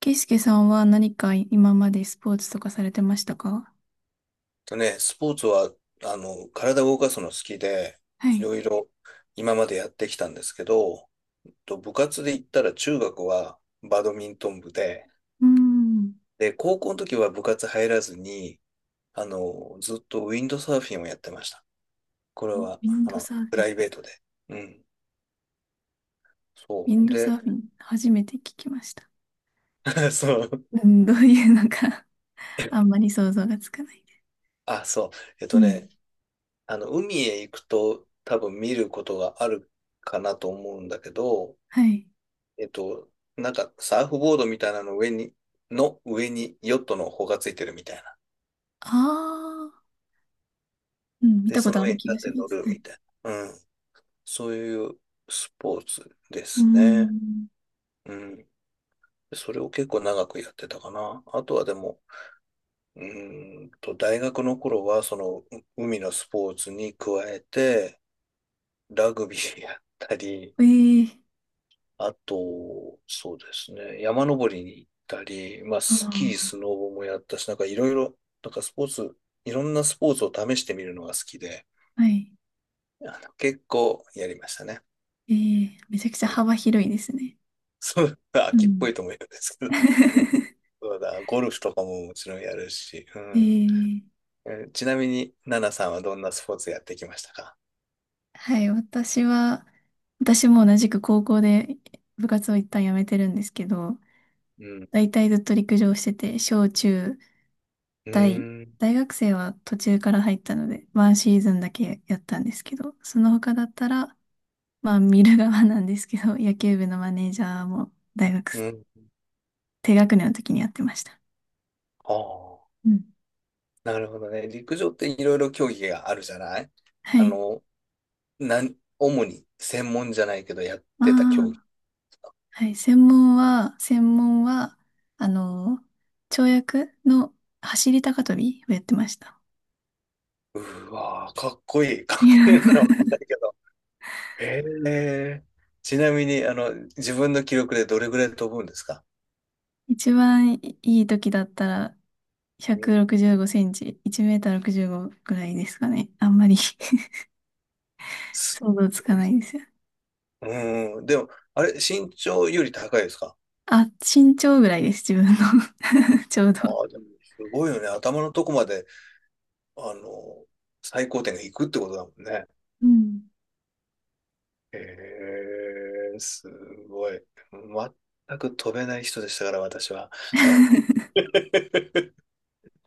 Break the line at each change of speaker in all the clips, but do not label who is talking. ケイスケさんは何か今までスポーツとかされてましたか？
とね、スポーツは、体を動かすの好きで、
は
い
い。
ろいろ今までやってきたんですけど、と部活で言ったら中学はバドミントン部で、
うーん。
高校の時は部活入らずに、ずっとウィンドサーフィンをやってました。これ
ウ
は、
ィンドサーフ
プラ
ィ
イ
ン。
ベートで。うん。
ウ
そ
ィン
う。
ドサー
で、
フィン、初めて聞きました。
そう。
うん、どういうのか あんまり想像がつかないです。
あ、そう。えっ
う
と
ん。
ね、海へ行くと多分見ることがあるかなと思うんだけど、
はい。
えっと、サーフボードみたいなの上に、の上にヨットの帆がついてるみたいな。
ああ、うん、見
で、
たこ
そ
と
の
あ
上に
る
立
気が
っ
し
て
ま
乗
す。
る
は
み
い。
たいな。うん。そういうスポーツで
うー
すね。
ん。
うん。それを結構長くやってたかな。あとはでも、大学の頃はそのう海のスポーツに加えて、ラグビーやったり、
ええ、
あと、そうですね、山登りに行ったり、まあ、
あ
スキー、ス
あ
ノボもやったし、いろんなスポーツを試してみるのが好きで、
ー、はい。
結構やりましたね。
ええ、めちゃくちゃ
うん。
幅広いですね。
そう、
う
秋っぽ
ん。
いと思うんですけど、そうだ、ゴルフとかももちろんやるし、うん。
ええ、
えーちなみに、ナナさんはどんなスポーツやってきましたか？
はい、私は、私も同じく高校で部活を一旦辞めてるんですけど、
うん。
大体ずっと陸上してて、小中
う
大、
ーん。
大学生は途中から入ったので、ワンシーズンだけやったんですけど、その他だったら、まあ見る側なんですけど、野球部のマネージャーも大学、
うん。
低学年の時にやってました。
ああ、
うん、
なるほどね。陸上っていろいろ競技があるじゃない？
は
あ
い。
の、主に専門じゃないけどやっ
ま
てた競技。
あ、はい、専門は、あの、跳躍の走り高跳びをやってました。
うわー、かっこいい。かっ
い
こ
や
いいのかわかん ないけど。へえ。ちなみに、自分の記録でどれぐらい飛ぶんですか？
一番いい時だったら
う
165
ん。
センチ、1メーター65ぐらいですかね。あんまり
す
想像つか
ごい。
ないですよ。
うん。でも、あれ、身長より高いですか？
あ、身長ぐらいです、自分の ちょうど。
ああでも、すごいよね。頭のとこまで、あの、最高点がいくってことだもんね。
うん。
へえ、すごい。全く飛べない人でしたから、私は。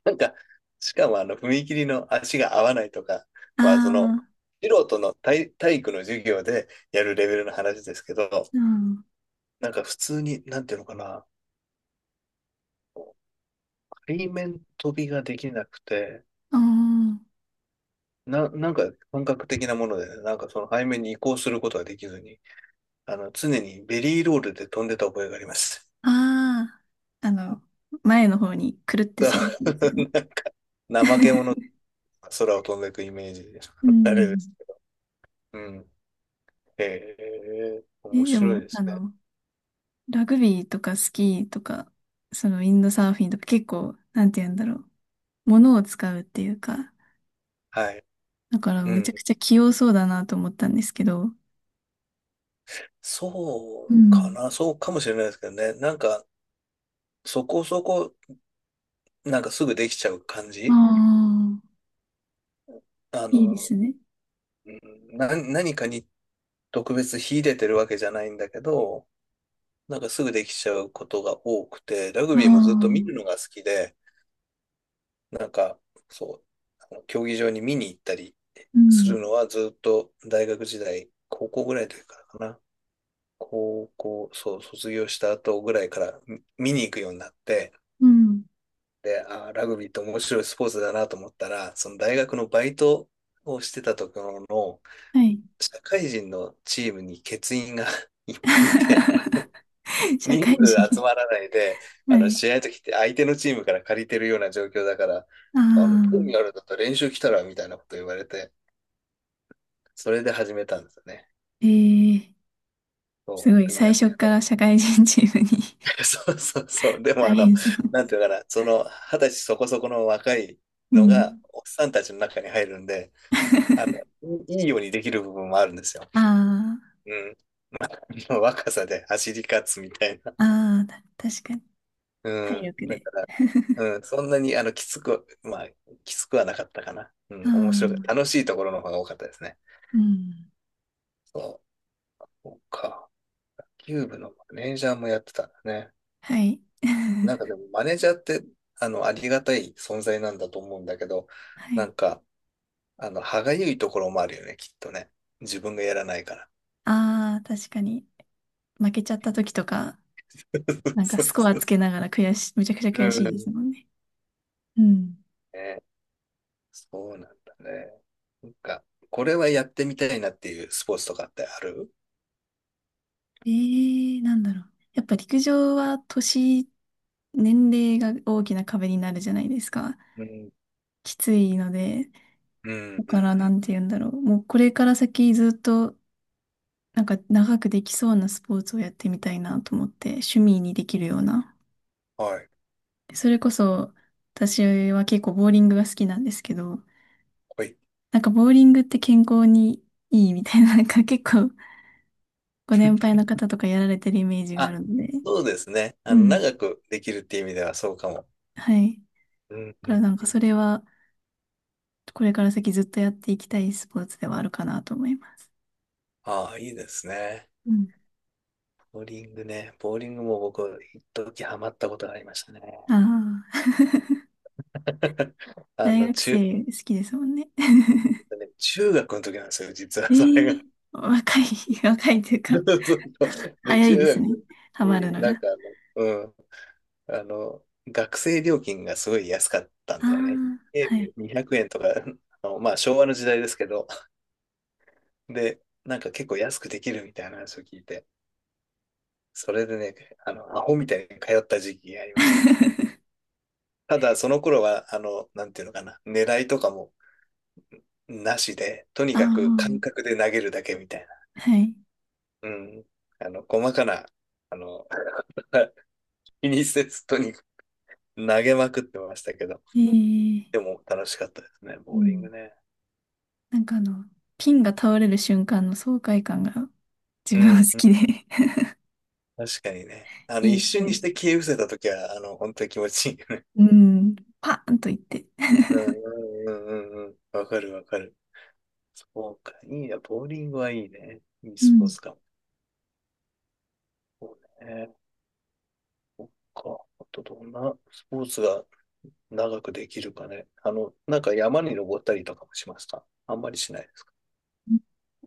なんか、しかも、踏切の足が合わないとか、
あ
まあその、
あ、
素人の体、体育の授業でやるレベルの話ですけど、
うん。
なんか普通に、なんていうのかな、背面飛びができなくて、
あ
なんか感覚的なものでね、なんかその背面に移行することができずに、常にベリーロールで飛んでた覚えがあります。
あー、前の方にくるってするやつですよね。
なんか、怠け者が空を飛んでいくイメージで、
う
あれです
ん。
けど。うん。へえ、面
え、で
白い
も、
ですね。
ラグビーとかスキーとか、そのウィンドサーフィンとか結構、なんて言うんだろう。物を使うっていうか、
はい。
だから
う
めち
ん。
ゃくちゃ器用そうだなと思ったんですけど、う
そうか
ん。
な、そうかもしれないですけどね。なんか、そこそこ、なんかすぐできちゃう感
あ
じ。
あ、
あ
いいで
の、
すね。
うんな、何かに特別秀でてるわけじゃないんだけど、なんかすぐできちゃうことが多くて、ラグ
あ
ビーもずっと見
あ、
るのが好きで、なんか、そう、競技場に見に行ったり
う
す
ん、
るのはずっと大学時代、高校ぐらいの時からかな。高校、そう、卒業した後ぐらいから見に行くようになって、
うん。
で、あー、ラグビーって面白いスポーツだなと思ったら、その大学のバイトをしてたところの
はい。
社会人のチームに欠員が いっぱいいて、
社
人数
会
集
人。
まらないで、あ
は
の
い。
試合の時って相手のチームから借りてるような状況だから、
あ
興味あ
あ、
るんだったら練習来たらみたいなこと言われて、それで始めたんですよね。
えー、す
そ
ご
う、
い、
でも
最
や、
初から社会人チームに
そうそうそう、で も
大
あの、
変そう。
なんていうのかな、その二十歳そこそこの若い
う
のが、
ん。
おっさんたちの中に入るんで、あいいようにできる部分もあるんですよ。
あ
うん。若さで走り勝つみたいな。
あ、ああ、確かに。
う
体
ん。
力
だ
で。
から、うん、そんなに、きつくはなかったかな。う
あ
ん、面白く、楽
あ、
しいところの方が多かったですね。
うん。
そう。そうか。キューブのマネージャーもやってたんだね。
はい。
なんかで も、マネージャーって、ありがたい存在なんだと思うんだけど、
は
な
い。
んか、歯がゆいところもあるよね、きっとね。自分がやらないから。
ああ、確かに。負けちゃった時とか、なんか
そ
ス
う
コア
そう。
つけながら悔しい、めちゃくちゃ
う
悔しいです
ん。
もんね。うん。
ね、そうなんだね。なんか、これはやってみたいなっていうスポーツとかってある？
ええー、なんだろう。やっぱ陸上は年齢が大きな壁になるじゃないですか。
うん、
きついので、
う
だ
ん、う
からな
ん、
んて言うんだろう。もうこれから先ずっと、なんか長くできそうなスポーツをやってみたいなと思って、趣味にできるような。
はい、
それこそ、私は結構ボーリングが好きなんですけど、
はい。
なんかボーリングって健康にいいみたいな、なんか結構ご年配の方とかやられてるイメージがあ
あ、
るので、
そうですね。
うん。
長くできるっていう意味ではそうかも。
はい。
うん、
だ
う
からな
ん、
ん
う
かそ
ん。
れはこれから先ずっとやっていきたいスポーツではあるかなと思います。
ああ、いいですね。
うん。
ボーリングね。ボーリングも僕、一時ハマったことがありましたね。
ああ、
あ
大
の、
学
中、
生好きですもんね。
ね中学の時なんですよ、実
え
はそれ
ー、
が。
若い、若いという
そ
か、
うそうそうで、
早い
中
です
学の
ね。
時
ハマる
に、
のが。
あの、学生料金がすごい安かったん
あ
だよね。
あ、
ゲー
はい。
ム200円とか、あのまあ昭和の時代ですけど、で、なんか結構安くできるみたいな話を聞いて、それでね、アホみたいに通った時期がありましたね。ただ、その頃は、なんていうのかな、狙いとかもなしで、とに
ああ、
かく感覚で投げるだけみたいな。
はい。
うん。細かな、あの、気にせず、とにかく投げまくってましたけど、
え
で
え、
も楽しかったですね、
う
ボーリン
ん。
グね。
なんか、ピンが倒れる瞬間の爽快感が自
う
分は好きで
ん。確かにね。
い
一
いスト
瞬に
レ
して
ス。
消え失せたときは、本当に気持ちいいよね。
うん。パーンといって。
うんうんうんうんうん。わかるわかる。そうか。いいや、ボーリングはいいね。いい
う
ス
ん。
ポーツかも。そうね。そっか。あとどんなスポーツが長くできるかね。あの、なんか山に登ったりとかもしますか？あんまりしないですか？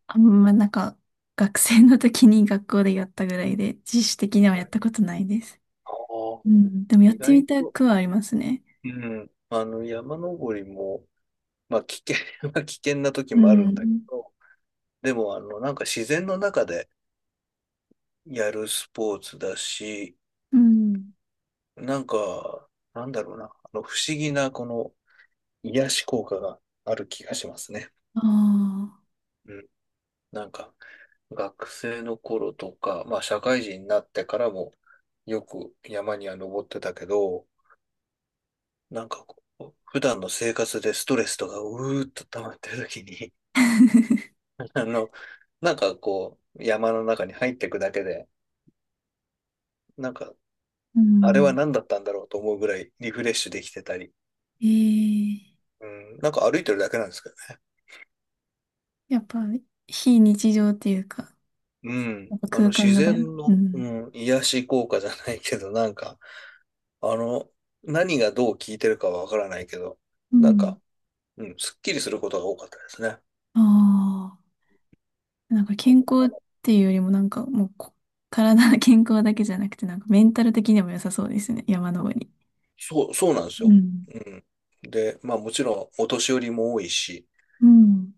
あんまなんか、学生の時に学校でやったぐらいで、自主的にはやったことないです。
ああ、
うん。でもやっ
意
て
外
みた
と、
くはありますね。
うん、あの山登りも、まあ危険は 危険な時
う
もあるんだけ
ん。
ど、でもあのなんか自然の中でやるスポーツだし、
うん。
なんか、なんだろうな、あの不思議なこの癒し効果がある気がしますね。
ああ。
うん。なんか、学生の頃とか、まあ社会人になってからもよく山には登ってたけど、なんかこう、普段の生活でストレスとかうーっと溜まってる時に、あの、なんかこう、山の中に入っていくだけで、なんか、
う
あれは
ん。
何だったんだろうと思うぐらいリフレッシュできてたり、
ええ、
うん、なんか歩いてるだけなんですけど。
やっぱ、非日常っていうか、
うん。
やっぱ空間
自
が大事。
然
う
の、う
ん。
ん、癒し効果じゃないけど、なんか、あの、何がどう効いてるかはわからないけど、
う
なん
ん。
か、うん、すっきりすることが多かったですね。
ああ。なんか健康っ
の、
ていうよりもなんかもう体の健康だけじゃなくてなんかメンタル的にも良さそうですね。山登り。
そう、そうなんです
う
よ。
ん。
うん。で、まあもちろん、お年寄りも多いし、
うん。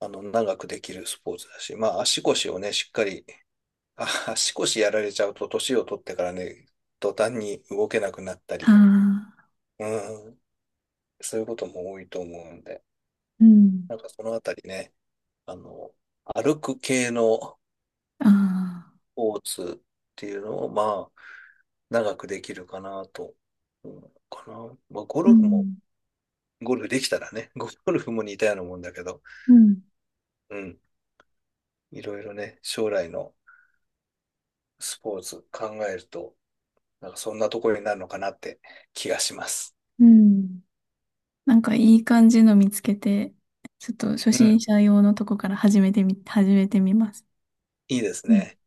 長くできるスポーツだし、まあ足腰をね、しっかり、あ、足腰やられちゃうと、年を取ってからね、途端に動けなくなった
あ
り、
あ。
うん、そういうことも多いと思うんで、
うん。
なんかそのあたりね、あの、歩く系の
ああ。
スポーツっていうのを、まあ、長くできるかなと、うん、かな。まあ、ゴ
う
ルフも、
ん。
ゴルフできたらね、ゴルフも似たようなもんだけど、
うん。
うん、いろいろね、将来のスポーツ考えると、なんかそんなところになるのかなって気がします。
うん、なんかいい感じの見つけて、ちょっと初
う
心
ん、
者用のとこから始めてみ、始めてみます。
いいです
うん
ね。